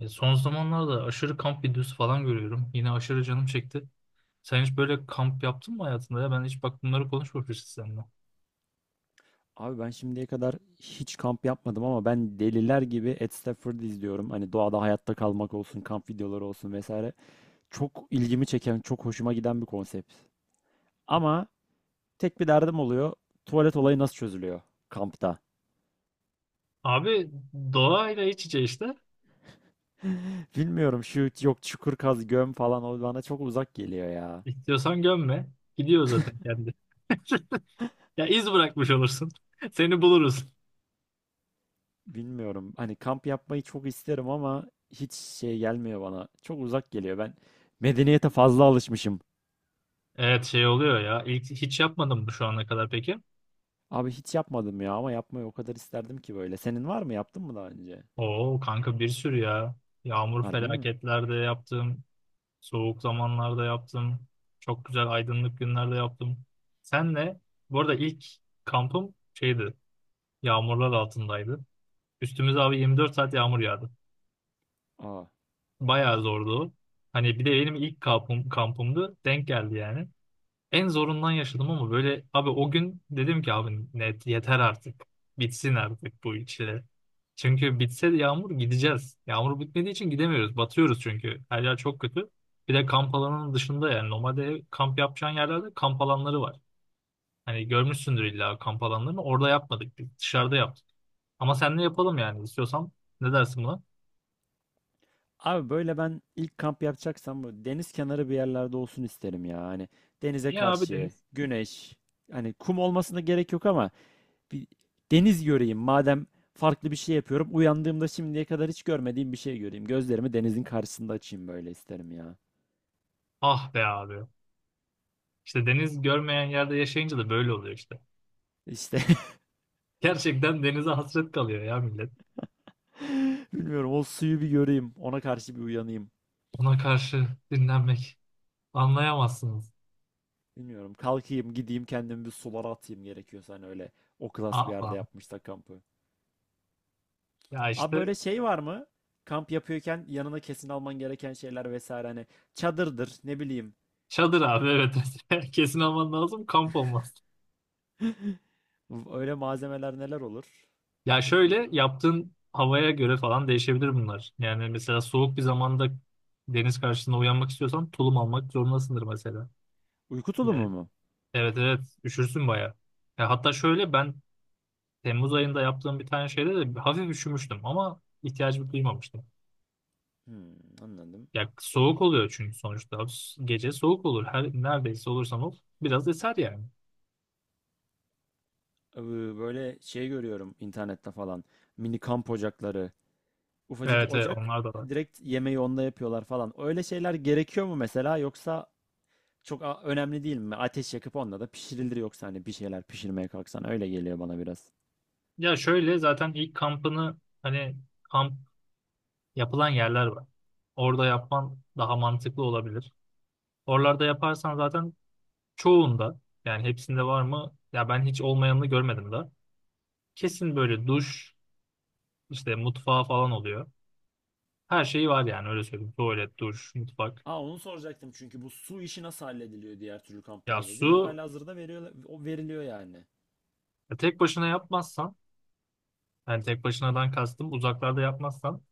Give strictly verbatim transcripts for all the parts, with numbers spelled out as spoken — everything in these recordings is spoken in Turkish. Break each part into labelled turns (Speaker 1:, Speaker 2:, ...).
Speaker 1: E, son zamanlarda aşırı kamp videosu falan görüyorum. Yine aşırı canım çekti. Sen hiç böyle kamp yaptın mı hayatında ya? Ben hiç bak bunları konuşmamışız seninle.
Speaker 2: Abi ben şimdiye kadar hiç kamp yapmadım ama ben deliler gibi Ed Stafford'ı izliyorum. Hani doğada hayatta kalmak olsun, kamp videoları olsun vesaire. Çok ilgimi çeken, çok hoşuma giden bir konsept. Ama tek bir derdim oluyor. Tuvalet olayı nasıl çözülüyor kampta?
Speaker 1: Abi doğayla iç içe işte.
Speaker 2: Bilmiyorum şu yok çukur kaz göm falan o bana çok uzak geliyor ya.
Speaker 1: İstiyorsan gömme. Gidiyor zaten kendi. Ya iz bırakmış olursun. Seni buluruz.
Speaker 2: Bilmiyorum. Hani kamp yapmayı çok isterim ama hiç şey gelmiyor bana. Çok uzak geliyor. Ben medeniyete fazla alışmışım.
Speaker 1: Evet, şey oluyor ya. İlk hiç yapmadım mı şu ana kadar peki?
Speaker 2: Abi hiç yapmadım ya ama yapmayı o kadar isterdim ki böyle. Senin var mı? Yaptın mı daha önce?
Speaker 1: Oo kanka, bir sürü ya. Yağmur
Speaker 2: Harbi mi?
Speaker 1: felaketlerde yaptım. Soğuk zamanlarda yaptım. Çok güzel aydınlık günlerde yaptım. Senle bu arada ilk kampım şeydi. Yağmurlar altındaydı. Üstümüze abi yirmi dört saat yağmur yağdı.
Speaker 2: Aa.
Speaker 1: Bayağı zordu o. Hani bir de benim ilk kampım, kampımdı. Denk geldi yani. En zorundan yaşadım ama böyle abi o gün dedim ki abi net yeter artık. Bitsin artık bu çile. Çünkü bitse de yağmur gideceğiz. Yağmur bitmediği için gidemiyoruz. Batıyoruz çünkü. Her yer çok kötü. Bir de kamp alanının dışında, yani normalde ev- kamp yapacağın yerlerde kamp alanları var. Hani görmüşsündür illa kamp alanlarını. Orada yapmadık. Biz dışarıda yaptık. Ama seninle yapalım yani, istiyorsan. Ne dersin buna?
Speaker 2: Abi böyle ben ilk kamp yapacaksam böyle deniz kenarı bir yerlerde olsun isterim ya. Hani denize
Speaker 1: Ya abi,
Speaker 2: karşı,
Speaker 1: deniz.
Speaker 2: güneş, hani kum olmasına gerek yok ama bir deniz göreyim. Madem farklı bir şey yapıyorum, uyandığımda şimdiye kadar hiç görmediğim bir şey göreyim. Gözlerimi denizin karşısında açayım böyle isterim ya.
Speaker 1: Ah be abi. İşte deniz görmeyen yerde yaşayınca da böyle oluyor işte.
Speaker 2: İşte
Speaker 1: Gerçekten denize hasret kalıyor ya millet.
Speaker 2: bilmiyorum o suyu bir göreyim, ona karşı bir uyanayım.
Speaker 1: Ona karşı dinlenmek. Anlayamazsınız.
Speaker 2: Bilmiyorum. Kalkayım, gideyim kendimi bir sulara atayım gerekiyorsa hani öyle o klas bir yerde
Speaker 1: Aman.
Speaker 2: yapmışsa kampı.
Speaker 1: Ya
Speaker 2: Abi
Speaker 1: işte
Speaker 2: böyle şey var mı? Kamp yapıyorken yanına kesin alman gereken şeyler vesaire hani çadırdır, ne bileyim.
Speaker 1: çadır abi, evet. Kesin alman lazım, kamp olmaz.
Speaker 2: Öyle malzemeler neler olur?
Speaker 1: Ya
Speaker 2: Bakayım.
Speaker 1: şöyle, yaptığın havaya göre falan değişebilir bunlar. Yani mesela soğuk bir zamanda deniz karşısında uyanmak istiyorsan tulum almak zorundasındır mesela.
Speaker 2: Uyku
Speaker 1: Evet,
Speaker 2: tulumu mu?
Speaker 1: evet, evet. Üşürsün bayağı. Ya hatta şöyle, ben Temmuz ayında yaptığım bir tane şeyde de hafif üşümüştüm ama ihtiyacımı duymamıştım.
Speaker 2: Hmm, anladım.
Speaker 1: Ya soğuk oluyor çünkü sonuçta. Gece soğuk olur, her neredeyse olursam ol. Biraz eser yani.
Speaker 2: Ee, Böyle şey görüyorum internette falan. Mini kamp ocakları. Ufacık
Speaker 1: Evet, evet,
Speaker 2: ocak.
Speaker 1: onlar da var.
Speaker 2: Direkt yemeği onunla yapıyorlar falan. Öyle şeyler gerekiyor mu mesela yoksa çok a- önemli değil mi? Ateş yakıp onda da pişirilir yoksa hani bir şeyler pişirmeye kalksan öyle geliyor bana biraz.
Speaker 1: Ya şöyle, zaten ilk kampını, hani kamp yapılan yerler var. Orada yapman daha mantıklı olabilir. Oralarda yaparsan zaten çoğunda, yani hepsinde var mı? Ya ben hiç olmayanını görmedim de. Kesin böyle duş, işte mutfağı falan oluyor. Her şeyi var yani, öyle söyleyeyim. Tuvalet, duş, mutfak.
Speaker 2: Aa onu soracaktım çünkü bu su işi nasıl hallediliyor diğer türlü
Speaker 1: Ya
Speaker 2: kamplarda diye.
Speaker 1: su,
Speaker 2: Halihazırda veriyor, o veriliyor yani.
Speaker 1: ya tek başına yapmazsan, yani tek başınadan kastım uzaklarda yapmazsan,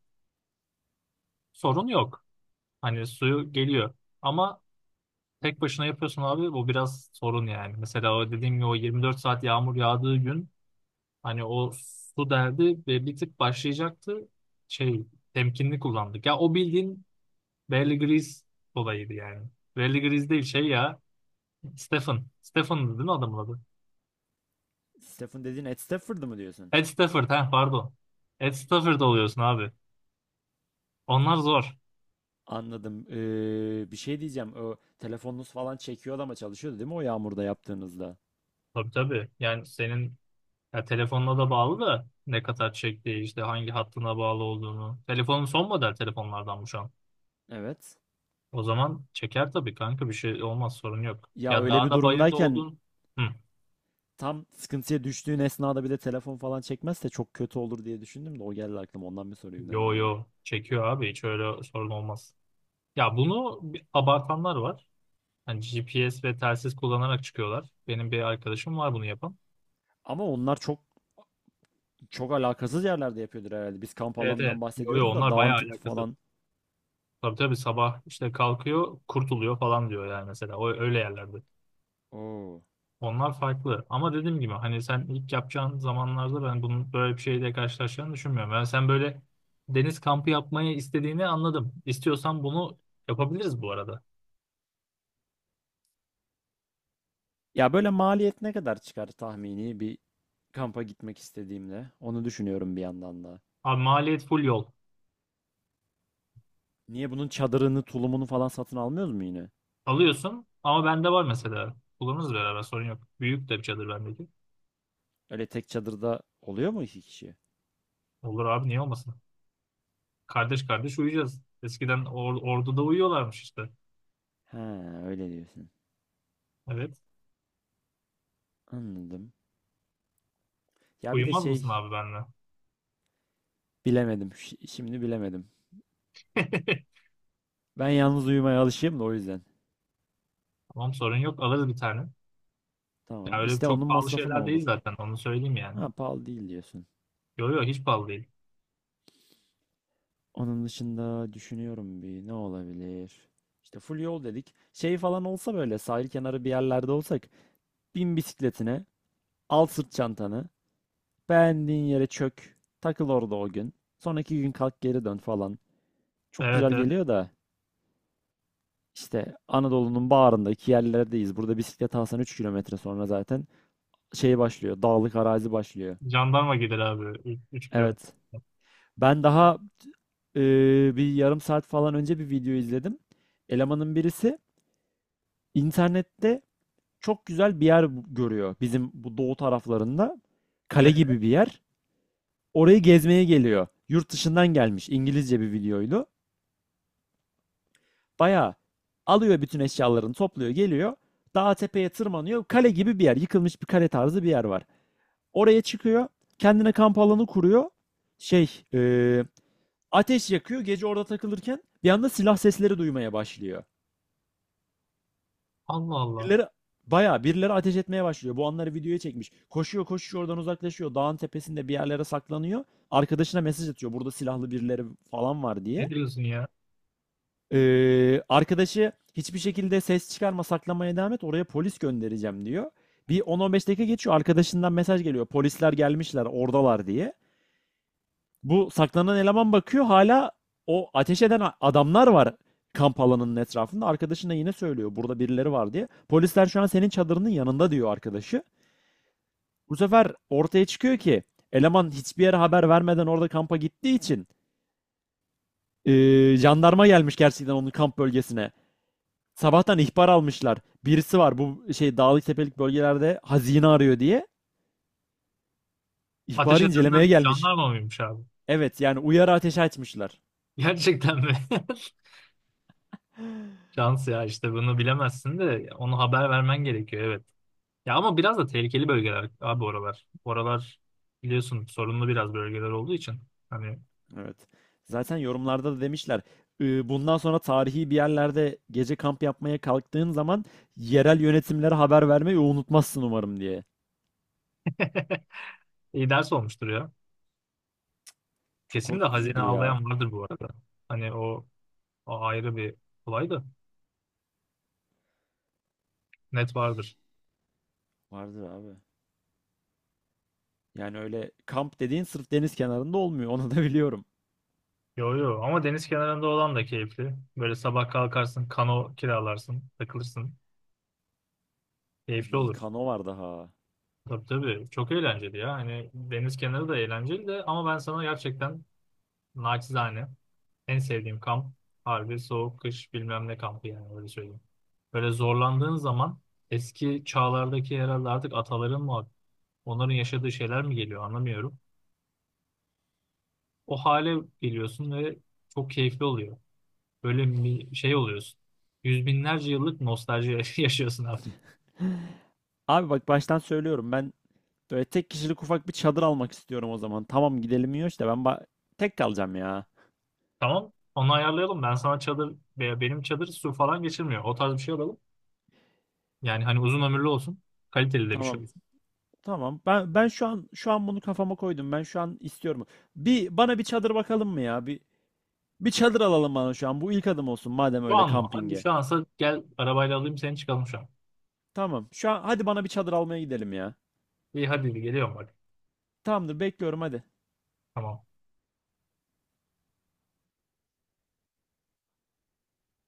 Speaker 1: sorun yok. Hani suyu geliyor. Ama tek başına yapıyorsun abi, bu biraz sorun yani. Mesela o dediğim gibi, o yirmi dört saat yağmur yağdığı gün hani o su derdi ve bir tık başlayacaktı. Şey, temkinli kullandık. Ya o bildiğin Bear Grylls olayıydı yani. Bear Grylls değil şey ya. Stephen. Stephen'dı değil mi adamın adı?
Speaker 2: Stephen dediğin Ed Stafford'ı mı diyorsun?
Speaker 1: Ed Stafford, ha, pardon. Ed Stafford oluyorsun abi. Onlar zor.
Speaker 2: Anladım. Ee, bir şey diyeceğim. O telefonunuz falan çekiyordu ama çalışıyordu değil mi o yağmurda yaptığınızda?
Speaker 1: Tabii, tabii. Yani senin, ya telefonla da bağlı da, ne kadar çektiği işte hangi hattına bağlı olduğunu. Telefonun son model telefonlardan bu şu an.
Speaker 2: Evet.
Speaker 1: O zaman çeker tabii kanka, bir şey olmaz, sorun yok.
Speaker 2: Ya
Speaker 1: Ya
Speaker 2: öyle bir
Speaker 1: dağda bayırda
Speaker 2: durumdayken
Speaker 1: oldun. Hı.
Speaker 2: tam sıkıntıya düştüğün esnada bir de telefon falan çekmezse çok kötü olur diye düşündüm de o geldi aklıma ondan bir sorayım
Speaker 1: Yo
Speaker 2: dedim ya.
Speaker 1: yo, çekiyor abi, hiç öyle sorun olmaz. Ya bunu bir abartanlar var. Hani G P S ve telsiz kullanarak çıkıyorlar. Benim bir arkadaşım var bunu yapan.
Speaker 2: Ama onlar çok çok alakasız yerlerde yapıyordur herhalde. Biz kamp
Speaker 1: Evet, evet.
Speaker 2: alanından
Speaker 1: Yo yo,
Speaker 2: bahsediyoruz da
Speaker 1: onlar
Speaker 2: dağın
Speaker 1: bayağı
Speaker 2: t-
Speaker 1: alakasız.
Speaker 2: falan.
Speaker 1: Tabii, tabii, sabah işte kalkıyor kurtuluyor falan diyor yani mesela. O, öyle yerlerde.
Speaker 2: Oo.
Speaker 1: Onlar farklı. Ama dediğim gibi, hani sen ilk yapacağın zamanlarda ben bunun böyle bir şeyle karşılaşacağını düşünmüyorum. Ben sen böyle deniz kampı yapmayı istediğini anladım. İstiyorsan bunu yapabiliriz bu arada.
Speaker 2: Ya böyle maliyet ne kadar çıkar tahmini bir kampa gitmek istediğimde? Onu düşünüyorum bir yandan da.
Speaker 1: Abi maliyet full yol.
Speaker 2: Niye bunun çadırını, tulumunu falan satın almıyoruz mu yine?
Speaker 1: Alıyorsun ama bende var mesela. Kullanırız beraber, sorun yok. Büyük de bir çadır bendeki.
Speaker 2: Öyle tek çadırda oluyor mu iki kişi?
Speaker 1: Olur abi, niye olmasın? Kardeş kardeş uyuyacağız. Eskiden or orduda uyuyorlarmış işte.
Speaker 2: He, öyle diyorsun.
Speaker 1: Evet.
Speaker 2: Anladım. Ya bir de
Speaker 1: Uyumaz mısın
Speaker 2: şey
Speaker 1: abi benimle?
Speaker 2: bilemedim. Şi- Şimdi bilemedim. Ben yalnız uyumaya alışığım da o yüzden.
Speaker 1: Tamam, sorun yok, alırız bir tane.
Speaker 2: Tamam.
Speaker 1: Ya öyle
Speaker 2: İşte
Speaker 1: çok
Speaker 2: onun
Speaker 1: pahalı
Speaker 2: masrafı ne
Speaker 1: şeyler
Speaker 2: olur?
Speaker 1: değil zaten, onu söyleyeyim yani.
Speaker 2: Ha, pahalı değil diyorsun.
Speaker 1: Yok yok, hiç pahalı değil.
Speaker 2: Onun dışında düşünüyorum bir ne olabilir? İşte full yol dedik. Şey falan olsa böyle sahil kenarı bir yerlerde olsak bin bisikletine, al sırt çantanı, beğendiğin yere çök, takıl orada o gün. Sonraki gün kalk geri dön falan. Çok
Speaker 1: Evet,
Speaker 2: güzel
Speaker 1: evet.
Speaker 2: geliyor da işte Anadolu'nun bağrındaki yerlerdeyiz. Burada bisiklet alsan üç kilometre sonra zaten şey başlıyor, dağlık arazi başlıyor.
Speaker 1: Jandarma gider abi. Üç kilometre.
Speaker 2: Evet. Ben daha e, bir yarım saat falan önce bir video izledim. Elemanın birisi internette çok güzel bir yer görüyor bizim bu doğu taraflarında. Kale
Speaker 1: Evet.
Speaker 2: gibi bir yer. Orayı gezmeye geliyor. Yurt dışından gelmiş İngilizce bir videoydu. Bayağı alıyor bütün eşyalarını topluyor geliyor. Dağa tepeye tırmanıyor. Kale gibi bir yer. Yıkılmış bir kale tarzı bir yer var. Oraya çıkıyor. Kendine kamp alanı kuruyor. Şey, eee, ateş yakıyor. Gece orada takılırken bir anda silah sesleri duymaya başlıyor.
Speaker 1: Allah Allah.
Speaker 2: Birileri bayağı birileri ateş etmeye başlıyor. Bu anları videoya çekmiş. Koşuyor koşuyor oradan uzaklaşıyor. Dağın tepesinde bir yerlere saklanıyor. Arkadaşına mesaj atıyor. Burada silahlı birileri falan var diye.
Speaker 1: Ne diyorsun ya?
Speaker 2: Ee, arkadaşı hiçbir şekilde ses çıkarma saklamaya devam et. Oraya polis göndereceğim diyor. Bir on on beş dakika geçiyor. Arkadaşından mesaj geliyor. Polisler gelmişler oradalar diye. Bu saklanan eleman bakıyor. Hala o ateş eden adamlar var kamp alanının etrafında. Arkadaşına yine söylüyor burada birileri var diye. Polisler şu an senin çadırının yanında diyor arkadaşı. Bu sefer ortaya çıkıyor ki eleman hiçbir yere haber vermeden orada kampa gittiği için eee, jandarma gelmiş gerçekten onun kamp bölgesine. Sabahtan ihbar almışlar. Birisi var bu şey dağlık tepelik bölgelerde hazine arıyor diye.
Speaker 1: Ateş
Speaker 2: İhbarı
Speaker 1: edenler
Speaker 2: incelemeye gelmiş.
Speaker 1: jandarma mıymış abi?
Speaker 2: Evet yani uyarı ateşi açmışlar.
Speaker 1: Gerçekten mi? Şans ya, işte bunu bilemezsin de onu haber vermen gerekiyor, evet. Ya ama biraz da tehlikeli bölgeler abi oralar. Oralar biliyorsun sorunlu biraz bölgeler olduğu için. Hani
Speaker 2: Evet. Zaten yorumlarda da demişler. "Ee, Bundan sonra tarihi bir yerlerde gece kamp yapmaya kalktığın zaman yerel yönetimlere haber vermeyi unutmazsın umarım diye."
Speaker 1: iyi ders olmuştur ya.
Speaker 2: Çok
Speaker 1: Kesin de hazine
Speaker 2: korkutucudur ya.
Speaker 1: avlayan vardır bu arada. Hani o, o ayrı bir olay da, net vardır.
Speaker 2: Vardır abi. Yani öyle kamp dediğin sırf deniz kenarında olmuyor. Onu da biliyorum.
Speaker 1: Yo yo, ama deniz kenarında olan da keyifli. Böyle sabah kalkarsın, kano kiralarsın, takılırsın. Keyifli
Speaker 2: Ay
Speaker 1: olur.
Speaker 2: kano var daha.
Speaker 1: Tabii, tabii. Çok eğlenceli ya. Hani deniz kenarı da eğlenceli de, ama ben sana gerçekten naçizane en sevdiğim kamp harbi soğuk kış bilmem ne kampı yani, öyle söyleyeyim. Böyle zorlandığın zaman eski çağlardaki herhalde artık ataların mı, onların yaşadığı şeyler mi geliyor, anlamıyorum. O hale geliyorsun ve çok keyifli oluyor. Böyle mi- şey oluyorsun. Yüz binlerce yıllık nostalji yaşıyorsun abi.
Speaker 2: Abi bak baştan söylüyorum ben böyle tek kişilik ufak bir çadır almak istiyorum o zaman. Tamam gidelim iyi işte ben ba- tek kalacağım ya.
Speaker 1: Tamam. Onu ayarlayalım. Ben sana çadır, veya benim çadır su falan geçirmiyor, o tarz bir şey alalım. Yani hani uzun ömürlü olsun. Kaliteli de bir şey
Speaker 2: Tamam.
Speaker 1: olsun.
Speaker 2: Tamam. Ben ben şu an şu an bunu kafama koydum. Ben şu an istiyorum. Bir bana bir çadır bakalım mı ya? Bir bir çadır alalım bana şu an. Bu ilk adım olsun madem
Speaker 1: Şu
Speaker 2: öyle
Speaker 1: an mı? Hadi
Speaker 2: kampinge.
Speaker 1: şu ansa gel, arabayla alayım seni, çıkalım şu an.
Speaker 2: Tamam. Şu an hadi bana bir çadır almaya gidelim ya.
Speaker 1: İyi, hadi geliyorum bak.
Speaker 2: Tamamdır bekliyorum hadi.
Speaker 1: Tamam.